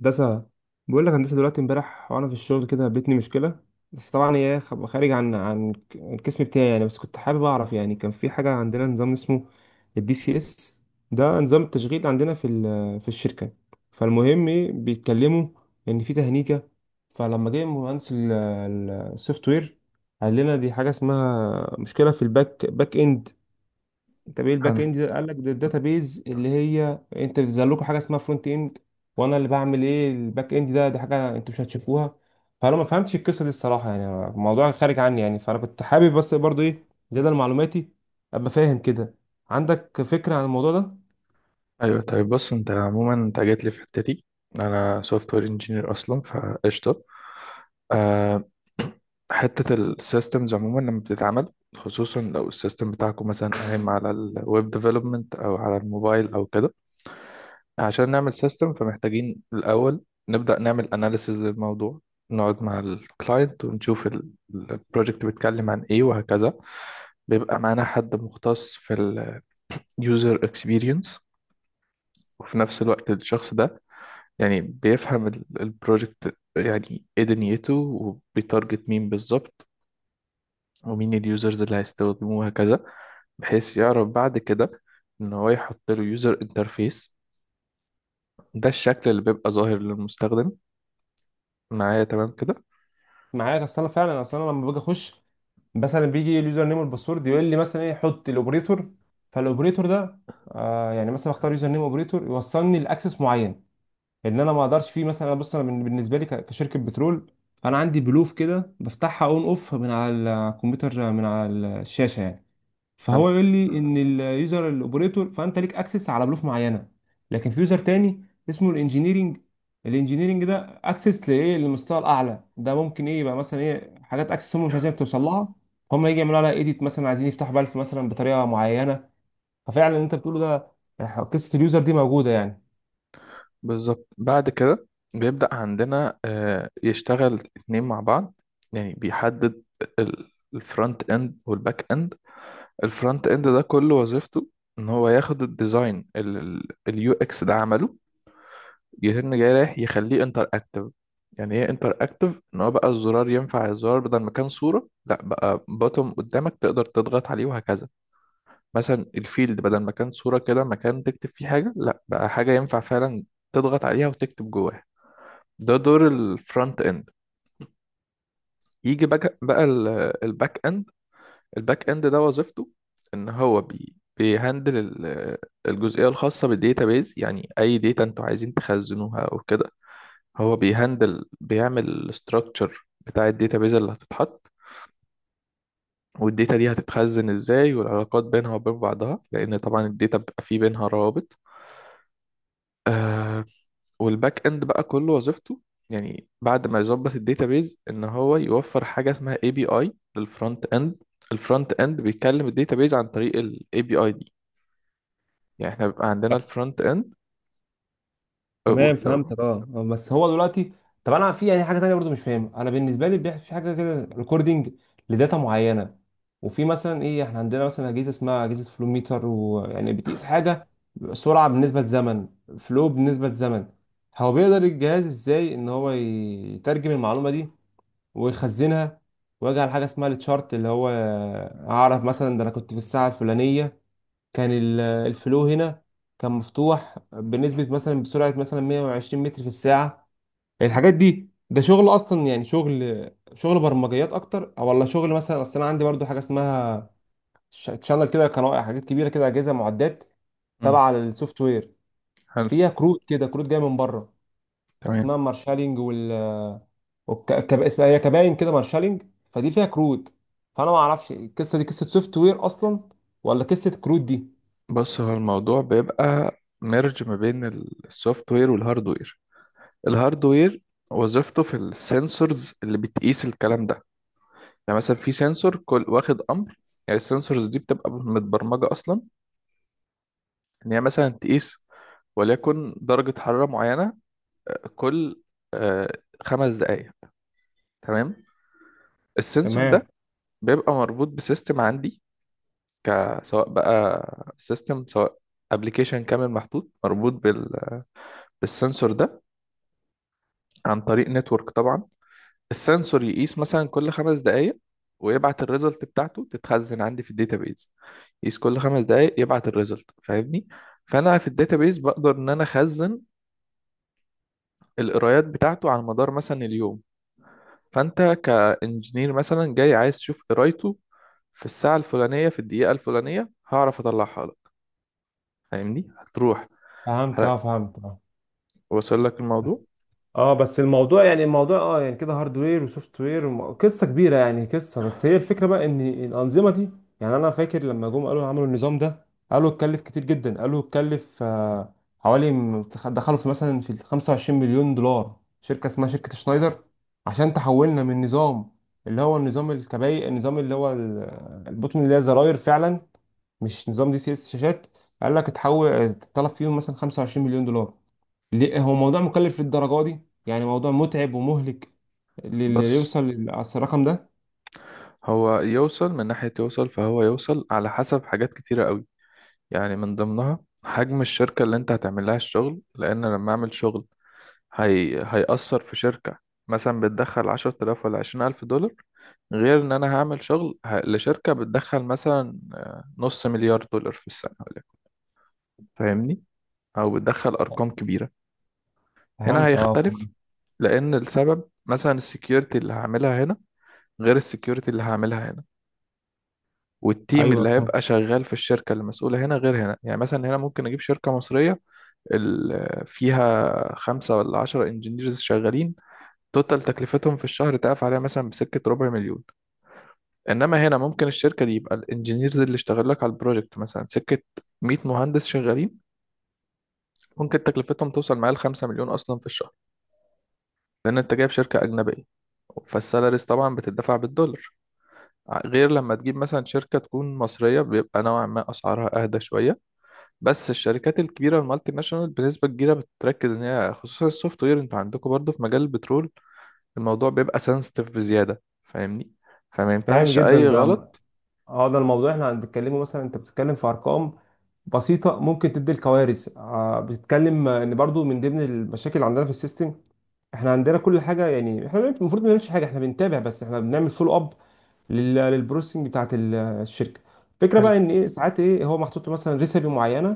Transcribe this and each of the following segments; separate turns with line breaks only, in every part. هندسة. بقول لك هندسة دلوقتي امبارح وانا في الشغل كده قابلتني مشكلة، بس طبعا هي خارج عن القسم بتاعي يعني. بس كنت حابب اعرف يعني، كان في حاجة عندنا نظام اسمه الدي سي اس. ده نظام التشغيل عندنا في الشركة. فالمهم بيتكلموا ان في تهنيجة. فلما جه مهندس السوفت وير قال لنا دي حاجة اسمها مشكلة في الباك اند. طب ايه الباك
حلو.
اند ده؟ قال لك ده الداتابيز اللي هي انت بتظهر لكم حاجه اسمها فرونت اند. وانا اللي بعمل ايه الباك اند ده دي حاجه انتوا مش هتشوفوها. فانا ما فهمتش القصه دي الصراحه، يعني الموضوع خارج عني يعني. فانا كنت حابب بس برضو ايه، زياده معلوماتي، ابقى فاهم كده عندك فكره عن الموضوع ده.
ايوه، طيب بص، انت عموما انت جيت لي في حتتي. انا سوفت وير انجينير اصلا فقشطه. أه حته السيستمز عموما لما بتتعمل، خصوصا لو السيستم بتاعكم مثلا قايم على الويب ديفلوبمنت او على الموبايل او كده، عشان نعمل سيستم فمحتاجين الاول نبدا نعمل اناليسيز للموضوع. نقعد مع الكلاينت ونشوف البروجكت بيتكلم عن ايه وهكذا. بيبقى معانا حد مختص في اليوزر اكسبيرينس، وفي نفس الوقت الشخص ده يعني بيفهم البروجكت يعني ايه دنيته، وبيتارجت مين بالظبط، ومين اليوزرز اللي هيستخدموه وهكذا، بحيث يعرف بعد كده ان هو يحط له يوزر انترفيس. ده الشكل اللي بيبقى ظاهر للمستخدم. معايا تمام كده؟
معاك. اصل انا فعلا اصل انا لما باجي اخش مثلا بيجي اليوزر نيم والباسورد يقول لي مثلا ايه، حط الاوبريتور. فالاوبريتور ده يعني مثلا اختار يوزر نيم اوبريتور يوصلني لاكسس معين، ان انا ما اقدرش فيه. مثلا بص انا بالنسبه لي كشركه بترول، انا عندي بلوف كده بفتحها اون اوف من على الكمبيوتر، من على الشاشه يعني.
حلو.
فهو يقول لي ان اليوزر الاوبريتور فانت ليك اكسس على بلوف معينه. لكن في يوزر تاني اسمه الانجينيرنج. الانجينيرنج ده اكسس لايه، للمستوى الاعلى ده، ممكن ايه يبقى مثلا ايه حاجات اكسس هم مش عايزين توصل لها، هم يجي يعملوا لها ايديت مثلا، عايزين يفتحوا بالف مثلا بطريقه معينه. ففعلا اللي انت بتقوله ده، قصه اليوزر دي موجوده يعني.
بالظبط. بعد كده بيبدأ عندنا يشتغل اتنين مع بعض. يعني بيحدد الفرونت اند والباك اند. الفرونت اند ده كل وظيفته ان هو ياخد الديزاين، اليو اكس ده عمله، يتم جاي رايح يخليه انتر اكتف. يعني ايه انتر اكتف؟ ان هو بقى الزرار ينفع الزرار، بدل ما كان صورة لا بقى بوتوم قدامك تقدر تضغط عليه وهكذا. مثلا الفيلد، بدل ما كان صورة كده مكان تكتب فيه حاجة، لا بقى حاجة ينفع فعلا تضغط عليها وتكتب جواها. ده دور الفرونت اند. يجي بقى الباك اند. الباك اند ده وظيفته ان هو بيهندل الجزئية الخاصة بالديتابيز، يعني اي ديتا انتوا عايزين تخزنوها او كده هو بيهندل، بيعمل الاستراكشر بتاع الداتابيز اللي هتتحط، والداتا دي هتتخزن ازاي، والعلاقات بينها وبين بعضها، لان طبعا الداتا بيبقى فيه بينها روابط. آه. والباك اند بقى كله وظيفته، يعني بعد ما يظبط الداتابيز، ان هو يوفر حاجه اسمها اي بي اي للفرونت اند. الفرونت اند بيكلم الداتابيز عن طريق الاي بي اي دي. يعني احنا بيبقى عندنا الفرونت اند
تمام
لو
فهمتك. اه بس هو دلوقتي طب انا في يعني حاجه تانية برضو مش فاهمها. انا بالنسبه لي بيحصل في حاجه كده ريكوردنج لداتا معينه. وفي مثلا ايه، احنا عندنا مثلا اجهزه اسمها اجهزه فلو ميتر ويعني بتقيس حاجه، سرعه بالنسبه لزمن، فلو بالنسبه لزمن. هو بيقدر الجهاز ازاي ان هو يترجم المعلومه دي ويخزنها، ويجعل حاجه اسمها التشارت اللي هو اعرف مثلا ده انا كنت في الساعه الفلانيه كان الفلو هنا كان مفتوح بنسبة مثلا بسرعة مثلا 120 متر في الساعة. الحاجات دي ده شغل أصلا يعني شغل برمجيات أكتر أو ولا شغل مثلا؟ أصل أنا عندي برضو حاجة اسمها تشانل كده، قناة، حاجات كبيرة كده، أجهزة معدات
مم،
تبع للسوفت وير
حلو،
فيها كروت كده، كروت جاية من بره
تمام.
اسمها مارشالينج، اسمها هي كباين كده، مارشالينج. فدي فيها كروت. فأنا ما أعرفش القصة دي قصة سوفت وير أصلا ولا قصة كروت دي.
بص، هو الموضوع بيبقى ميرج ما بين السوفت وير والهارد وير. الهاردوير وظيفته في السنسورز اللي بتقيس الكلام ده. يعني مثلا في سنسور كل واخد امر. يعني السنسورز دي بتبقى متبرمجه اصلا ان هي مثلا تقيس، وليكن درجه حراره معينه، كل آه، 5 دقائق. تمام. السنسور ده
تمام
بيبقى مربوط بسيستم عندي، سواء بقى سيستم، سواء ابلكيشن كامل محطوط مربوط بالسنسور ده عن طريق نتورك طبعا. السنسور يقيس مثلا كل 5 دقايق، ويبعت الريزلت بتاعته تتخزن عندي في الداتابيز. يقيس كل 5 دقايق، يبعت الريزلت، فاهمني؟ فانا في الداتابيز بقدر ان انا اخزن القرايات بتاعته على مدار مثلا اليوم. فانت كانجينير مثلا جاي عايز تشوف قرايته في الساعه الفلانيه في الدقيقه الفلانيه هعرف اطلعها لك. فاهمني؟ هتروح،
فهمت اه فهمت آه.
وصل لك الموضوع؟
اه بس الموضوع يعني الموضوع اه يعني كده هاردوير وسوفت وير قصه كبيره يعني قصه. بس هي الفكره بقى ان الانظمه دي، يعني انا فاكر لما جم قالوا عملوا النظام ده قالوا اتكلف كتير جدا، قالوا اتكلف حوالي دخلوا في مثلا في ال 25 مليون دولار. شركه اسمها شركه شنايدر عشان تحولنا من نظام اللي هو النظام الكبائي، النظام اللي هو البوتون اللي هي زراير فعلا، مش نظام دي سي اس شاشات. قال لك اتحول اتطلب فيهم مثلا 25 مليون دولار. ليه هو موضوع مكلف للدرجة دي؟ يعني موضوع متعب ومهلك للي
بس
يوصل أصل الرقم ده.
هو يوصل، من ناحيه يوصل، فهو يوصل على حسب حاجات كتيره قوي، يعني من ضمنها حجم الشركة اللي انت هتعمل لها الشغل، لأن لما أعمل شغل هيأثر في شركة مثلا بتدخل 10,000 ولا 20,000 دولار، غير إن أنا هعمل شغل لشركة بتدخل مثلا نص مليار دولار في السنة ولكن فاهمني؟ أو بتدخل أرقام كبيرة. هنا
فهمت اه فهمت.
هيختلف، لأن السبب مثلا السكيورتي اللي هعملها هنا غير السكيورتي اللي هعملها هنا، والتيم
ايوه
اللي
فهمت.
هيبقى شغال في الشركة المسؤولة هنا غير هنا. يعني مثلا هنا ممكن أجيب شركة مصرية فيها 5 ولا 10 انجينيرز شغالين، توتال تكلفتهم في الشهر تقف عليها مثلا بسكة ربع مليون. انما هنا ممكن الشركة دي يبقى الانجينيرز اللي اشتغل لك على البروجكت مثلا سكة 100 مهندس شغالين، ممكن تكلفتهم توصل معايا ل 5 مليون اصلا في الشهر، لان انت جايب شركة اجنبية، فالسالاريز طبعا بتدفع بالدولار. غير لما تجيب مثلا شركة تكون مصرية بيبقى نوعا ما أسعارها أهدى شوية. بس الشركات الكبيرة المالتي ناشونال بنسبة كبيرة بتركز إن هي، خصوصا السوفت وير، أنتوا عندكم برضو في مجال البترول الموضوع بيبقى سنسيتيف بزيادة، فاهمني؟ فما
فاهم
ينفعش
جدا
أي
ده.
غلط.
اه ده الموضوع احنا بنتكلمه. مثلا انت بتتكلم في ارقام بسيطه ممكن تدي الكوارث. آه بتتكلم ان برضو من ضمن المشاكل اللي عندنا في السيستم، احنا عندنا كل حاجه. يعني احنا المفروض ما بنعملش حاجه، احنا بنتابع بس، احنا بنعمل فولو اب للبروسيسنج بتاعت الشركه. الفكره
حلو.
بقى ان ايه، ساعات ايه هو محطوط له مثلا ريسبي معينه،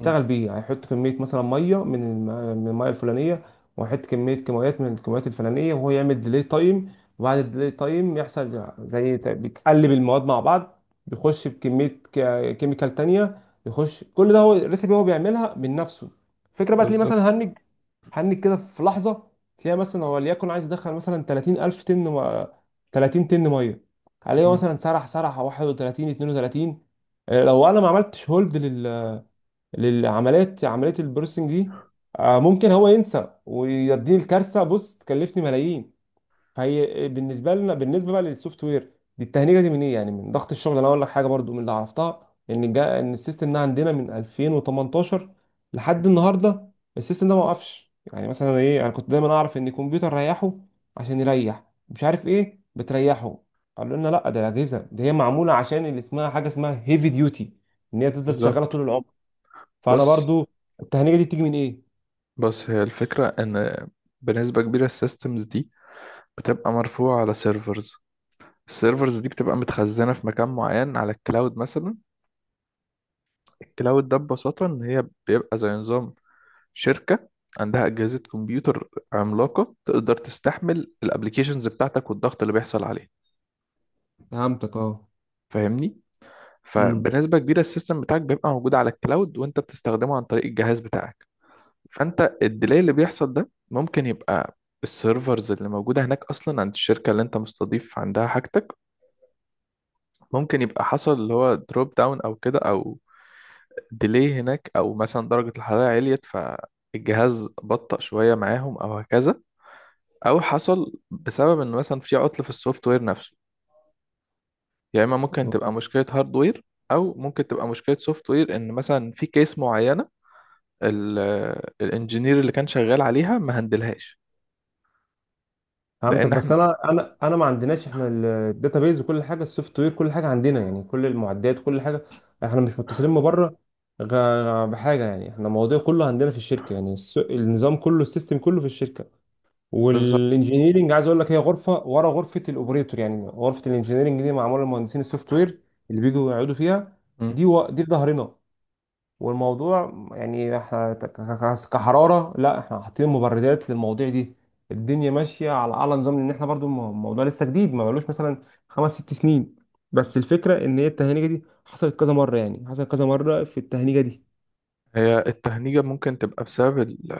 مم.
بيه، هيحط كميه مثلا ميه من من الميه الفلانيه وهيحط كميه كيماويات من الكيماويات الفلانيه وهو يعمل ديلي تايم، وبعد الديلي تايم يحصل زي بيتقلب المواد مع بعض، بيخش بكميه كيميكال تانية، بيخش. كل ده هو الريسبي، هو بيعملها من نفسه. الفكره بقى تلاقيه
بالظبط.
مثلا هنج، هنك كده في لحظه. تلاقي مثلا هو ليكن عايز يدخل مثلا 30,000 طن 30 طن ميه، عليه
مم.
مثلا سرح سرح 31 32. لو انا ما عملتش هولد لل للعمليات، عمليه البروسينج دي ممكن هو ينسى ويديني الكارثه. بص تكلفني ملايين، هي بالنسبه لنا بالنسبه بقى للسوفت وير دي التهنيجه. دي من ايه؟ يعني من ضغط الشغل. انا اقول لك حاجه برضو من اللي عرفتها ان جا، ان السيستم ده عندنا من 2018 لحد
مم.
النهارده. السيستم ده ما وقفش. يعني مثلا ايه، انا كنت دايما اعرف ان الكمبيوتر ريحه، عشان يريح مش عارف ايه بتريحه. قالوا لنا لا، ده اجهزه دي هي معموله عشان اللي اسمها حاجه اسمها هيفي ديوتي، ان هي تفضل شغاله طول
بالظبط.
العمر. فانا
بص
برضو التهنيجه دي بتيجي من ايه؟
بص هي الفكرة إن بنسبة كبيرة السيستمز دي بتبقى مرفوعة على سيرفرز. السيرفرز دي بتبقى متخزنة في مكان معين على الكلاود مثلا. الكلاود ده ببساطة إن هي بيبقى زي نظام شركة عندها أجهزة كمبيوتر عملاقة تقدر تستحمل الابليكيشنز بتاعتك والضغط اللي بيحصل عليه.
فهمتك اه.
فاهمني؟
امم
فبنسبة كبيرة السيستم بتاعك بيبقى موجود على الكلاود وانت بتستخدمه عن طريق الجهاز بتاعك. فانت الديلي اللي بيحصل ده ممكن يبقى السيرفرز اللي موجودة هناك أصلا عند الشركة اللي انت مستضيف عندها حاجتك، ممكن يبقى حصل اللي هو دروب داون أو كده، أو ديلي هناك، أو مثلا درجة الحرارة عليت فالجهاز بطأ شوية معاهم أو هكذا. أو حصل بسبب إن مثلا في عطل في السوفت وير نفسه. يا إما ممكن تبقى مشكلة هاردوير، أو ممكن تبقى مشكلة سوفت وير إن مثلا في كيس معينة ال- الانجينير اللي كان شغال عليها ما هندلهاش.
فهمتك
لان
بس
احنا
انا انا ما عندناش احنا الداتابيز وكل حاجه، السوفت وير كل حاجه عندنا، يعني كل المعدات كل حاجه احنا مش متصلين من بره غ- بحاجه. يعني احنا الموضوع كله عندنا في الشركه، يعني النظام كله السيستم كله في الشركه.
بالظبط.
والانجينيرنج عايز اقول لك هي غرفه ورا غرفه الاوبريتور. يعني غرفه الانجينيرنج دي معموله لمهندسين السوفت وير اللي بيجوا يقعدوا فيها.
مم.
دي و... دي في ظهرنا. والموضوع يعني احنا كحرارة لا، احنا حاطين مبردات للمواضيع دي. الدنيا ماشية على أعلى نظام، لأن احنا برضو الموضوع لسه جديد ما بقالوش مثلا 5 6 سنين.
مم.
بس الفكرة إن هي التهنيجة دي حصلت كذا مرة، يعني حصلت كذا مرة في التهنيجة دي.
هي التهنيجة ممكن تبقى بسبب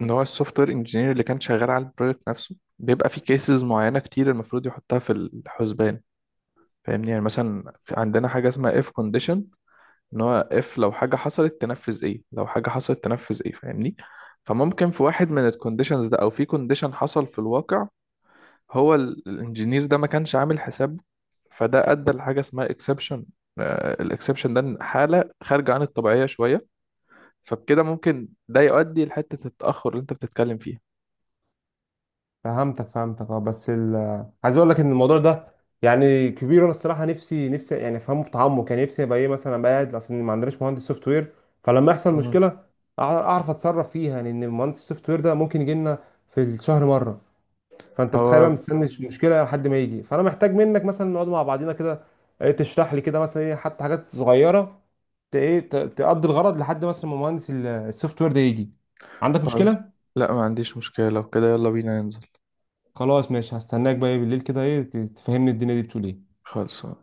ان هو السوفت وير انجينير اللي كان شغال على البروجكت نفسه بيبقى في كيسز معينة كتير المفروض يحطها في الحسبان. فاهمني؟ يعني مثلا عندنا حاجة اسمها اف كونديشن، ان هو اف لو حاجة حصلت تنفذ ايه، لو حاجة حصلت تنفذ ايه، فاهمني؟ فممكن في واحد من الكونديشنز ده، او في كونديشن حصل في الواقع هو الانجينير ده ما كانش عامل حساب، فده ادى لحاجه اسمها اكسبشن. الاكسبشن ده إن حاله خارجه عن الطبيعيه شويه. فبكده ممكن ده يؤدي لحته التاخر اللي انت بتتكلم فيها.
فهمتك اه بس ال عايز اقول لك ان الموضوع ده يعني كبير. انا الصراحه نفسي يعني افهمه بتعمق، يعني نفسي ابقى ايه مثلا ابقى قاعد. اصل ما عندناش مهندس سوفت وير، فلما يحصل
مم.
مشكله اعرف اتصرف فيها. يعني ان المهندس السوفت وير ده ممكن يجي لنا في الشهر مره، فانت بتخيل بقى
هو
مستني مشكله لحد ما يجي. فانا محتاج منك مثلا نقعد مع بعضينا كده تشرح لي كده مثلا ايه حتى حاجات صغيره تقضي الغرض لحد مثلا ما مهندس السوفت وير ده يجي. عندك
خلاص.
مشكله؟
لا ما عنديش مشكله، لو كده يلا بينا ننزل.
خلاص ماشي، هستناك بقى بالليل كده ايه تفهمني الدنيا دي بتقول ايه.
خلاص.